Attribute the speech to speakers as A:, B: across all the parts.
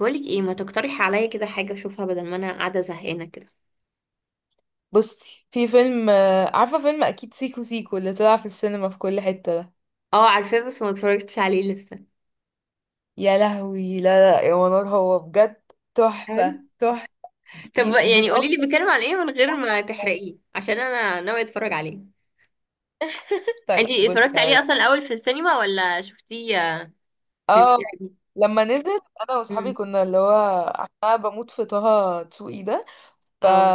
A: بقولك ايه، ما تقترحي عليا كده حاجة اشوفها بدل ما انا قاعدة زهقانة كده.
B: بصي في فيلم عارفة فيلم، أكيد سيكو سيكو اللي طلع في السينما في كل حتة ده.
A: اه، عارفاه بس ما اتفرجتش عليه لسه.
B: يا لهوي، لا لا يا منار، هو بجد
A: حلو.
B: تحفة تحفة.
A: طب
B: من
A: يعني
B: أكتر.
A: قوليلي بيتكلم عن ايه من غير ما تحرقيه، عشان انا ناوية اتفرج عليه.
B: طيب
A: انتي
B: بصي
A: اتفرجتي عليه
B: هقول.
A: اصلا الاول في السينما ولا شفتيه في
B: اه،
A: الفيديو؟
B: لما نزل أنا وأصحابي
A: دي.
B: كنا اللي هو أنا بموت في طه دسوقي ده. ف
A: اه،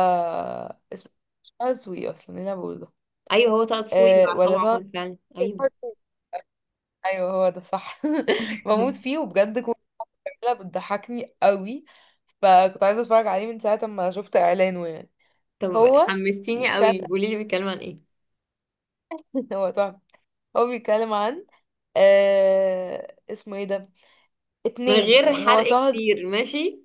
B: اسمه طه دسوقي، أصلا إيه اللي أنا بقوله ده؟
A: ايوه، هو طه دسوقي
B: أه،
A: وعصام
B: ولا طه،
A: عمر فعلا، ايوه.
B: طه دسوقي. أيوه هو ده صح. بموت فيه، وبجد كنت بتضحكني قوي. فكنت عايزة اتفرج عليه من ساعة ما شفت اعلانه، يعني.
A: طب
B: هو
A: حمستيني
B: بيتكلم.
A: قوي، قوليلي بيتكلم عن ايه
B: هو تحفة. هو بيتكلم عن اسمه ايه ده؟
A: من
B: اتنين،
A: غير
B: يعني هو
A: حرق
B: طه.
A: كتير، ماشي.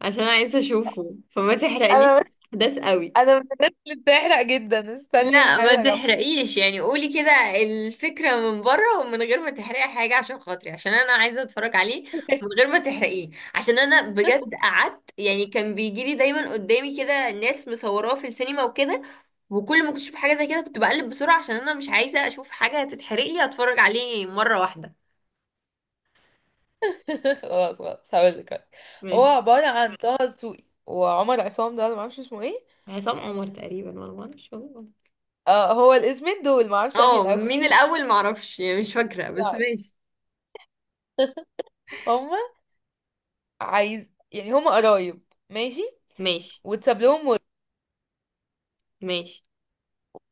A: عشان عايزة اشوفه فما تحرقلي
B: انا
A: احداث قوي.
B: انا من الناس اللي بتحرق جدا، استني
A: لا ما
B: هحاول اجمع.
A: تحرقيش، يعني قولي كده الفكرة من بره ومن غير ما تحرقي حاجة عشان خاطري، عشان انا عايزة اتفرج عليه من غير ما تحرقيه. عشان انا بجد قعدت يعني كان بيجيلي دايما قدامي كده ناس مصوراه في السينما وكده، وكل ما كنت اشوف حاجة زي كده كنت بقلب بسرعة عشان انا مش عايزة اشوف حاجة تتحرق لي، اتفرج عليه مرة واحدة.
B: خلاص خلاص هقول لك. هو
A: ماشي.
B: عبارة عن طه دسوقي وعمر عصام، ده انا معرفش اسمه ايه.
A: عصام عمر تقريبا، ولا ما اعرفش والله.
B: آه، هو الاسمين دول معرفش انهي
A: اه،
B: الاول.
A: مين الاول معرفش يعني، مش فاكرة بس ماشي.
B: هما عايز، يعني هما قرايب. ماشي.
A: ماشي.
B: واتساب لهم.
A: ماشي.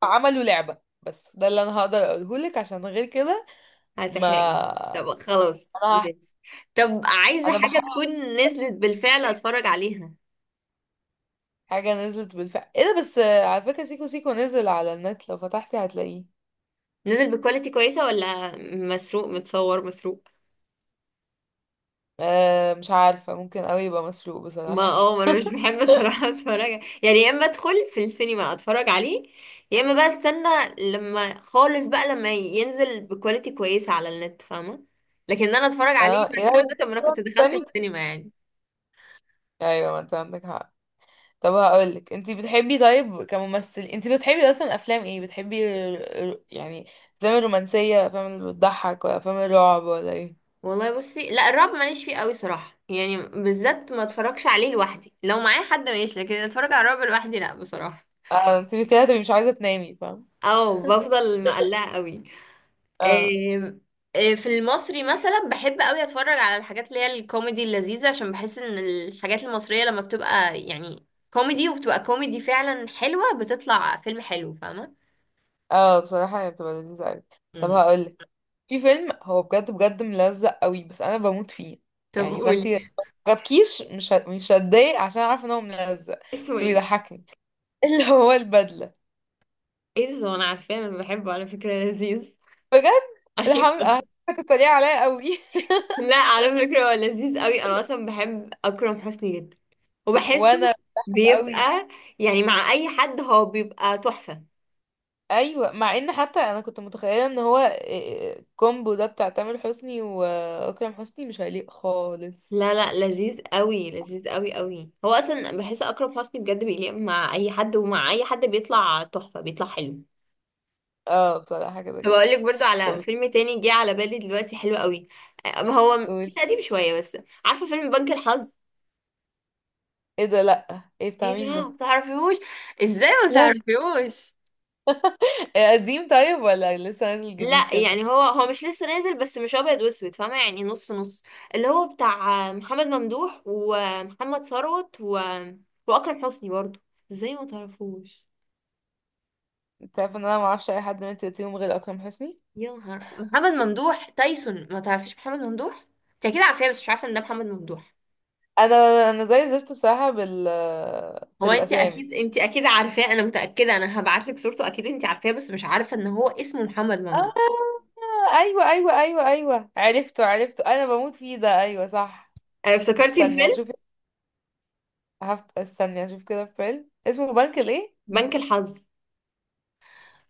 B: عملوا لعبة، بس ده اللي انا هقدر اقوله لك عشان غير كده. ما
A: هتحرقيني. طب خلاص.
B: انا هح...
A: ماشي. طب عايزة
B: انا
A: حاجة
B: بحاول.
A: تكون نزلت بالفعل
B: تاني
A: اتفرج عليها؟
B: حاجة نزلت بالفعل، ايه ده، بس على فكرة سيكو سيكو نزل على النت، لو فتحتي هتلاقيه.
A: نزل بكواليتي كويسة ولا مسروق متصور مسروق؟
B: أه، مش عارفة، ممكن اوي يبقى مسروق
A: ما
B: بصراحة.
A: اه ما انا مش بحب الصراحة اتفرج، يعني يا اما ادخل في السينما اتفرج عليه، يا اما بقى استنى لما خالص بقى لما ينزل بكواليتي كويسة على النت، فاهمة؟ لكن إن انا اتفرج عليه
B: اه،
A: مسروق
B: ايه.
A: ده، طب ما انا كنت دخلت
B: تاني،
A: السينما يعني.
B: ايوه ما انت عندك حق. طب هقولك، انت بتحبي طيب كممثل، انت بتحبي اصلا افلام ايه، بتحبي يعني افلام الرومانسية، افلام اللي بتضحك، ولا افلام الرعب، ولا ايه؟
A: والله بصي، لا الرعب ماليش فيه قوي صراحة، يعني بالذات ما اتفرجش عليه لوحدي، لو معايا حد ماشي لكن اتفرج على الرعب لوحدي لا بصراحة.
B: اه، انت كده تبقي مش عايزة تنامي، فاهم.
A: او بفضل مقلقة قوي. آم، في المصري مثلا بحب قوي اتفرج على الحاجات اللي هي الكوميدي اللذيذة، عشان بحس ان الحاجات المصرية لما بتبقى يعني كوميدي وبتبقى كوميدي فعلا حلوة بتطلع فيلم حلو، فاهمة؟
B: اه، بصراحة هي بتبقى لذيذة اوي. طب
A: مم.
B: هقولك، في فيلم هو بجد بجد ملزق اوي، بس انا بموت فيه.
A: طب
B: يعني
A: قولي.
B: فانتي جابكيش، مش هتضايق عشان عارفة ان هو ملزق،
A: اسمه
B: بس
A: ايه؟
B: بيضحكني. اللي هو البدلة.
A: ايه ده؟ طب انا عارفاه، انا بحبه على فكرة لذيذ.
B: بجد. الحمد
A: ايوه.
B: لله. هتتريق عليا اوي.
A: لا، على فكرة هو لذيذ قوي، انا اصلا بحب اكرم حسني جدا، وبحسه
B: وانا بضحك اوي.
A: بيبقى يعني مع اي حد هو بيبقى تحفة.
B: ايوه، مع ان حتى انا كنت متخيله ان هو الكومبو ده بتاع تامر حسني واكرم حسني مش هيليق خالص.
A: لا، لا، لذيذ قوي، لذيذ قوي قوي، هو اصلا بحس اكرم حسني بجد بيليق مع اي حد، ومع اي حد بيطلع تحفة، بيطلع حلو.
B: اه، بصراحه كده
A: طب
B: كده.
A: اقول لك برضو
B: طب
A: على فيلم تاني جه على بالي دلوقتي حلو قوي. هو
B: قول.
A: مش قديم شوية بس. عارفة فيلم بنك الحظ؟
B: ايه ده؟ لا، ايه بتاع
A: ايه
B: مين ده؟
A: ده؟ ما تعرفيهوش؟ ازاي ما تعرفيهوش؟
B: إيه، قديم طيب ولا لسه نازل جديد
A: لا
B: كده؟
A: يعني، هو هو مش لسه نازل بس مش ابيض واسود، فاهمه؟ يعني نص نص. اللي هو بتاع محمد ممدوح ومحمد ثروت واكرم حسني برضو. ازاي ما تعرفوش؟
B: انت عارف ان انا ما اعرفش اي حد من تلاتيهم غير اكرم حسني.
A: يا نهار، محمد ممدوح تايسون، ما تعرفيش محمد ممدوح؟ انت اكيد عارفاه بس مش عارفه ان ده محمد ممدوح.
B: انا انا زي زفت بصراحه بال في
A: هو انت
B: الاسامي.
A: اكيد انت اكيد عارفاه، انا متاكده، انا هبعت لك صورته اكيد انت عارفاه بس مش عارفه ان هو اسمه محمد ممدوح.
B: آه، ايوه ايوه ايوه ايوه عرفته عرفته، انا بموت فيه ده، ايوه صح.
A: افتكرتي
B: استني
A: الفيلم؟
B: هشوف. استني هشوف كده فيلم اسمه بنك الايه؟
A: بنك الحظ.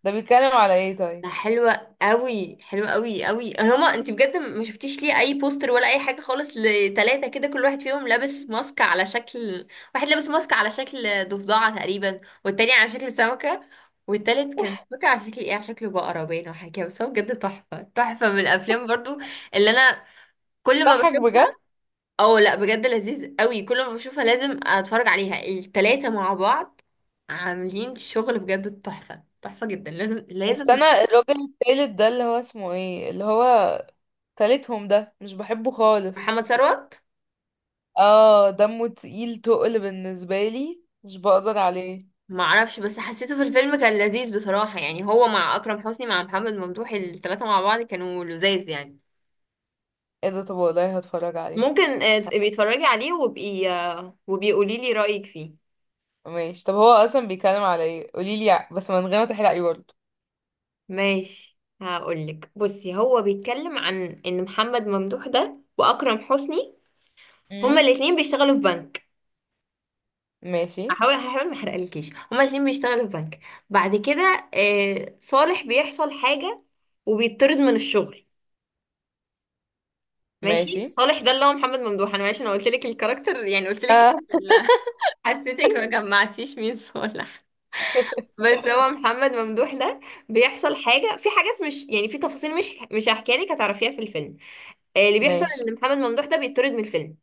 B: ده بيتكلم على ايه
A: ده
B: طيب؟
A: حلوة قوي، حلوة قوي قوي، هما انت بجد ما شفتيش ليه اي بوستر ولا اي حاجة خالص لتلاتة كده كل واحد فيهم لابس ماسك على شكل، واحد لابس ماسك على شكل ضفدعة تقريبا، والتاني على شكل سمكة، والتالت كان مش فاكرة على شكل ايه، على شكل بقرة باين او حاجة كده، بس هو بجد تحفة تحفة، من الافلام برضو اللي انا كل ما
B: ضحك بجد.
A: بشوفها. اه، لا بجد لذيذ قوي، كل ما بشوفها لازم اتفرج عليها التلاتة مع بعض، عاملين شغل بجد تحفة تحفة جدا، لازم لازم.
B: استنى، الراجل التالت ده اللي هو اسمه ايه، اللي هو تالتهم ده مش بحبه
A: محمد
B: خالص.
A: ثروت.
B: اه، دمه تقيل تقل بالنسبة لي مش بقدر عليه.
A: ما اعرفش بس حسيته في الفيلم كان لذيذ بصراحة، يعني هو مع أكرم حسني مع محمد ممدوح الثلاثة مع بعض كانوا لذاذ يعني.
B: ايه ده؟ طب والله هتفرج عليه.
A: ممكن
B: ح-
A: تبقي اتفرجي عليه وبقي وبقي قولي لي رأيك فيه.
B: ماشي، طب هو اصلا بيتكلم على ايه، قوليلي بس من غير ما تحرقي برضه.
A: ماشي، هقولك بصي، هو بيتكلم عن ان محمد ممدوح ده وأكرم حسني هما
B: امم.
A: الاتنين بيشتغلوا في بنك.
B: ماشي.
A: هحاول ما احرقلكيش، هما الاتنين بيشتغلوا في بنك. بعد كده صالح بيحصل حاجة وبيطرد من الشغل. ماشي،
B: ماشي.
A: صالح ده اللي هو محمد ممدوح، انا معلش انا قلت لك الكاركتر يعني، قلت لك
B: اه،
A: ال- حسيتك ما جمعتيش مين صالح. بس هو محمد ممدوح ده بيحصل حاجه، في حاجات مش يعني في تفاصيل، مش هحكيها لك هتعرفيها في الفيلم. اللي بيحصل
B: ماشي.
A: ان محمد ممدوح ده بيطرد من الفيلم.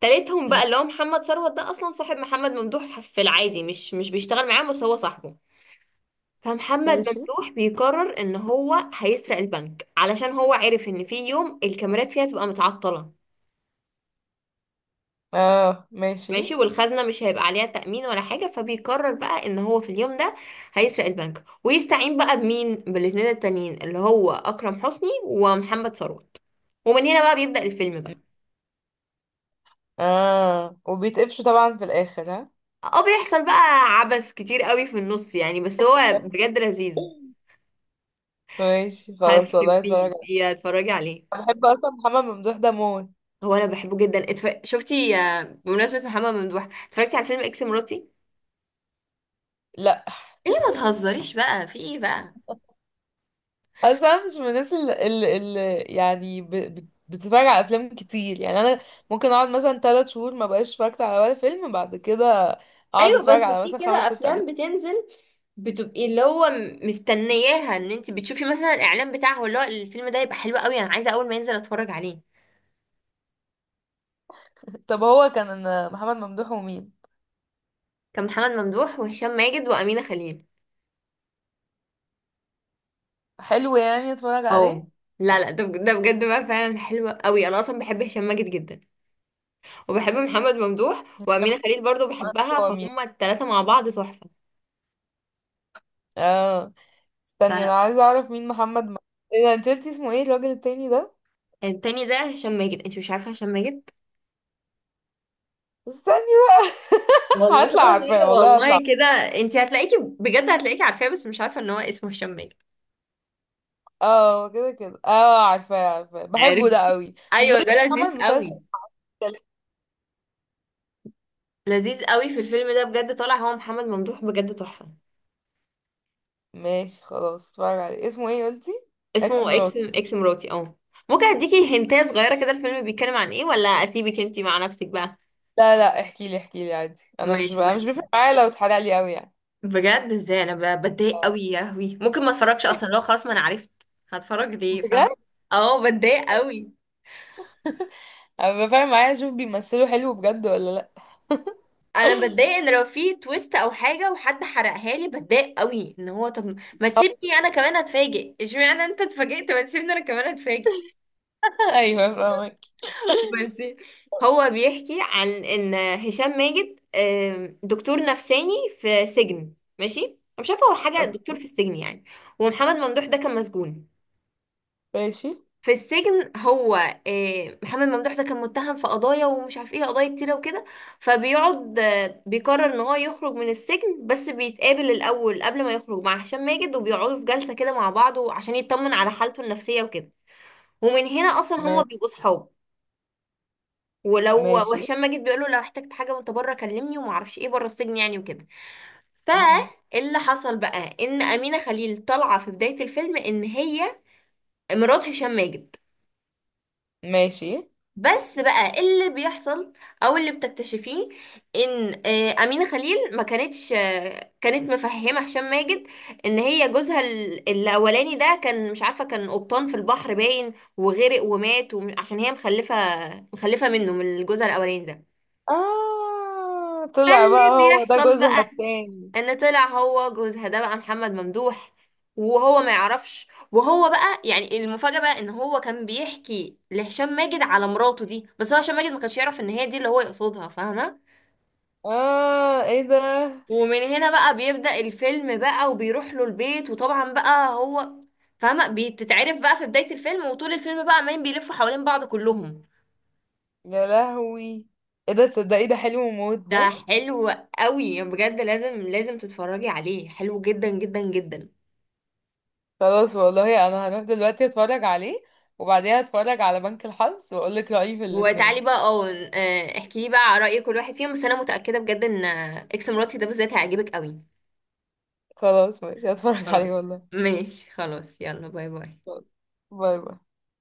A: تالتهم بقى
B: مم.
A: اللي هو محمد ثروت، ده اصلا صاحب محمد ممدوح في العادي، مش بيشتغل معاه بس هو صاحبه. فمحمد
B: ماشي.
A: ممدوح بيقرر ان هو هيسرق البنك، علشان هو عرف ان في يوم الكاميرات فيها تبقى متعطله.
B: اه، ماشي.
A: ماشي، والخزنة مش هيبقى عليها تأمين ولا حاجة، فبيقرر بقى ان هو في اليوم ده هيسرق البنك، ويستعين بقى بمين؟ بالاتنين التانيين اللي هو أكرم حسني ومحمد ثروت. ومن هنا بقى بيبدأ الفيلم بقى.
B: اه، وبيتقفشوا طبعا في الاخر، ها؟
A: اه، بيحصل بقى عبث كتير قوي في النص يعني، بس هو بجد لذيذ.
B: ماشي، خلاص والله هتفرج
A: هتحبيه
B: عليه.
A: بيه، اتفرجي عليه.
B: أنا بحب اصلا محمد ممدوح ده موت.
A: هو انا بحبه جدا شفتي بمناسبة محمد ممدوح اتفرجتي على فيلم اكس مراتي؟
B: لا.
A: ليه ما تهزريش بقى، في ايه بقى؟
B: اصل انا مش من الناس اللي يعني بتتفرج على افلام كتير، يعني انا ممكن اقعد مثلا 3 شهور ما بقاش اتفرجت على ولا فيلم، بعد كده اقعد
A: ايوه،
B: اتفرج
A: بس
B: على
A: في
B: مثلا خمس
A: كده
B: ست
A: افلام
B: افلام.
A: بتنزل بتبقي اللي هو مستنياها، ان انت بتشوفي مثلا الاعلان بتاعه اللي هو الفيلم ده يبقى حلو قوي، انا عايزه اول ما ينزل اتفرج عليه.
B: طب هو كان محمد ممدوح ومين؟
A: كان محمد ممدوح وهشام ماجد وامينه خليل.
B: حلو، يعني اتفرج عليه.
A: اه. لا، لا، ده بجد بقى فعلا حلو قوي، انا اصلا بحب هشام ماجد جدا، وبحب محمد ممدوح وامينه خليل برضو بحبها،
B: هو مين؟
A: فهم الثلاثه مع بعض تحفه.
B: اه.
A: لا،
B: استني، انا
A: لا،
B: عايزه اعرف مين محمد. ايه ده، انت قلتي اسمه ايه الراجل التاني ده؟
A: التاني ده هشام ماجد، انت مش عارفه هشام ماجد؟
B: استني بقى.
A: والله.
B: هطلع عارفاه، والله
A: والله
B: هطلع.
A: كده. انت هتلاقيكي بجد هتلاقيكي عارفاه، بس مش عارفه ان هو اسمه هشام ماجد.
B: اه، كده كده، اه، عارفاه عارفاه، بحبه
A: عارف.
B: ده قوي، مش ده
A: ايوه،
B: اللي
A: ده لذيذ
B: عمل مسلسل؟
A: قوي، لذيذ قوي، في الفيلم ده بجد طالع هو محمد ممدوح بجد تحفة.
B: ماشي خلاص، اتفرج عليه، اسمه ايه قلتي؟ اكس
A: اسمه اكس
B: مراتي، صح؟
A: اكس مراتي، اه. ممكن اديكي هنتايه صغيرة كده الفيلم بيتكلم عن ايه، ولا اسيبك انتي مع نفسك بقى؟
B: لا لا، احكي لي احكي لي عادي،
A: ماشي
B: انا مش
A: بس،
B: بيفرق معايا لو اتحرق لي قوي، يعني.
A: بجد ازاي انا بتضايق قوي، يا لهوي، ممكن ما اتفرجش اصلا لو خلاص ما انا عرفت هتفرج ليه، فاهمة؟
B: بجد.
A: اه، بتضايق قوي.
B: انا بيبقى فارق معايا اشوف بيمثلوا حلو بجد ولا لا.
A: انا بتضايق ان لو في تويست او حاجة وحد حرقها لي، بتضايق قوي، ان هو طب ما تسيبني انا كمان اتفاجئ، اشمعنى انت اتفاجئت ما تسيبني انا كمان اتفاجئ؟
B: ايوه، فاهمك.
A: بصي، هو بيحكي عن ان هشام ماجد دكتور نفساني في سجن. ماشي، أنا مش عارفه هو حاجه دكتور في
B: اوكي.
A: السجن يعني. ومحمد ممدوح ده كان مسجون
B: ماشي
A: في السجن هو، محمد ممدوح ده كان متهم في قضايا ومش عارف ايه قضايا كتيره وكده. فبيقعد بيقرر ان هو يخرج من السجن، بس بيتقابل الاول قبل ما يخرج مع هشام ماجد، وبيقعدوا في جلسه كده مع بعض عشان يطمن على حالته النفسيه وكده. ومن هنا اصلا هما
B: ما-
A: بيبقوا صحاب. ولو
B: ماشي
A: وهشام ماجد بيقول له لو احتجت حاجه وانت بره كلمني، وما اعرفش ايه بره السجن يعني وكده.
B: مم.
A: فاللي حصل بقى ان امينه خليل طالعه في بدايه الفيلم ان هي مرات هشام ماجد.
B: ماشي.
A: بس بقى إيه اللي بيحصل، او اللي بتكتشفيه، ان امينه خليل ما كانتش كانت مفهمه هشام ماجد ان هي جوزها الاولاني ده كان مش عارفه، كان قبطان في البحر باين وغرق ومات، عشان هي مخلفه منه، من جوزها الاولاني ده.
B: اه،
A: فاللي
B: طلع بقى هو ده
A: بيحصل
B: جوزها
A: بقى
B: التاني.
A: ان طلع هو جوزها ده بقى محمد ممدوح. وهو ما يعرفش، وهو بقى يعني المفاجأة بقى ان هو كان بيحكي لهشام ماجد على مراته دي، بس هو هشام ماجد ما كانش يعرف ان هي دي اللي هو يقصدها، فاهمة؟
B: اه، ايه ده.
A: ومن هنا بقى بيبدأ الفيلم بقى، وبيروح له البيت، وطبعا بقى هو فاهمة بتتعرف بقى في بداية الفيلم، وطول الفيلم بقى عمالين بيلفوا حوالين بعض كلهم.
B: يا لهوي. ايه ده، تصدقي ده حلو موت
A: ده
B: ده.
A: حلو قوي بجد، لازم لازم تتفرجي عليه، حلو جدا جدا جدا.
B: خلاص، والله انا هروح دلوقتي اتفرج عليه، وبعديها اتفرج على بنك الحظ واقول لك رأيي في
A: وتعالي
B: الاتنين.
A: بقى اه احكي لي بقى على رأي كل واحد فيهم، بس انا متأكدة بجد ان اكس مراتي ده بالذات هيعجبك قوي.
B: خلاص ماشي، هتفرج عليه
A: خلاص،
B: والله.
A: ماشي، خلاص يلا، باي باي.
B: باي باي.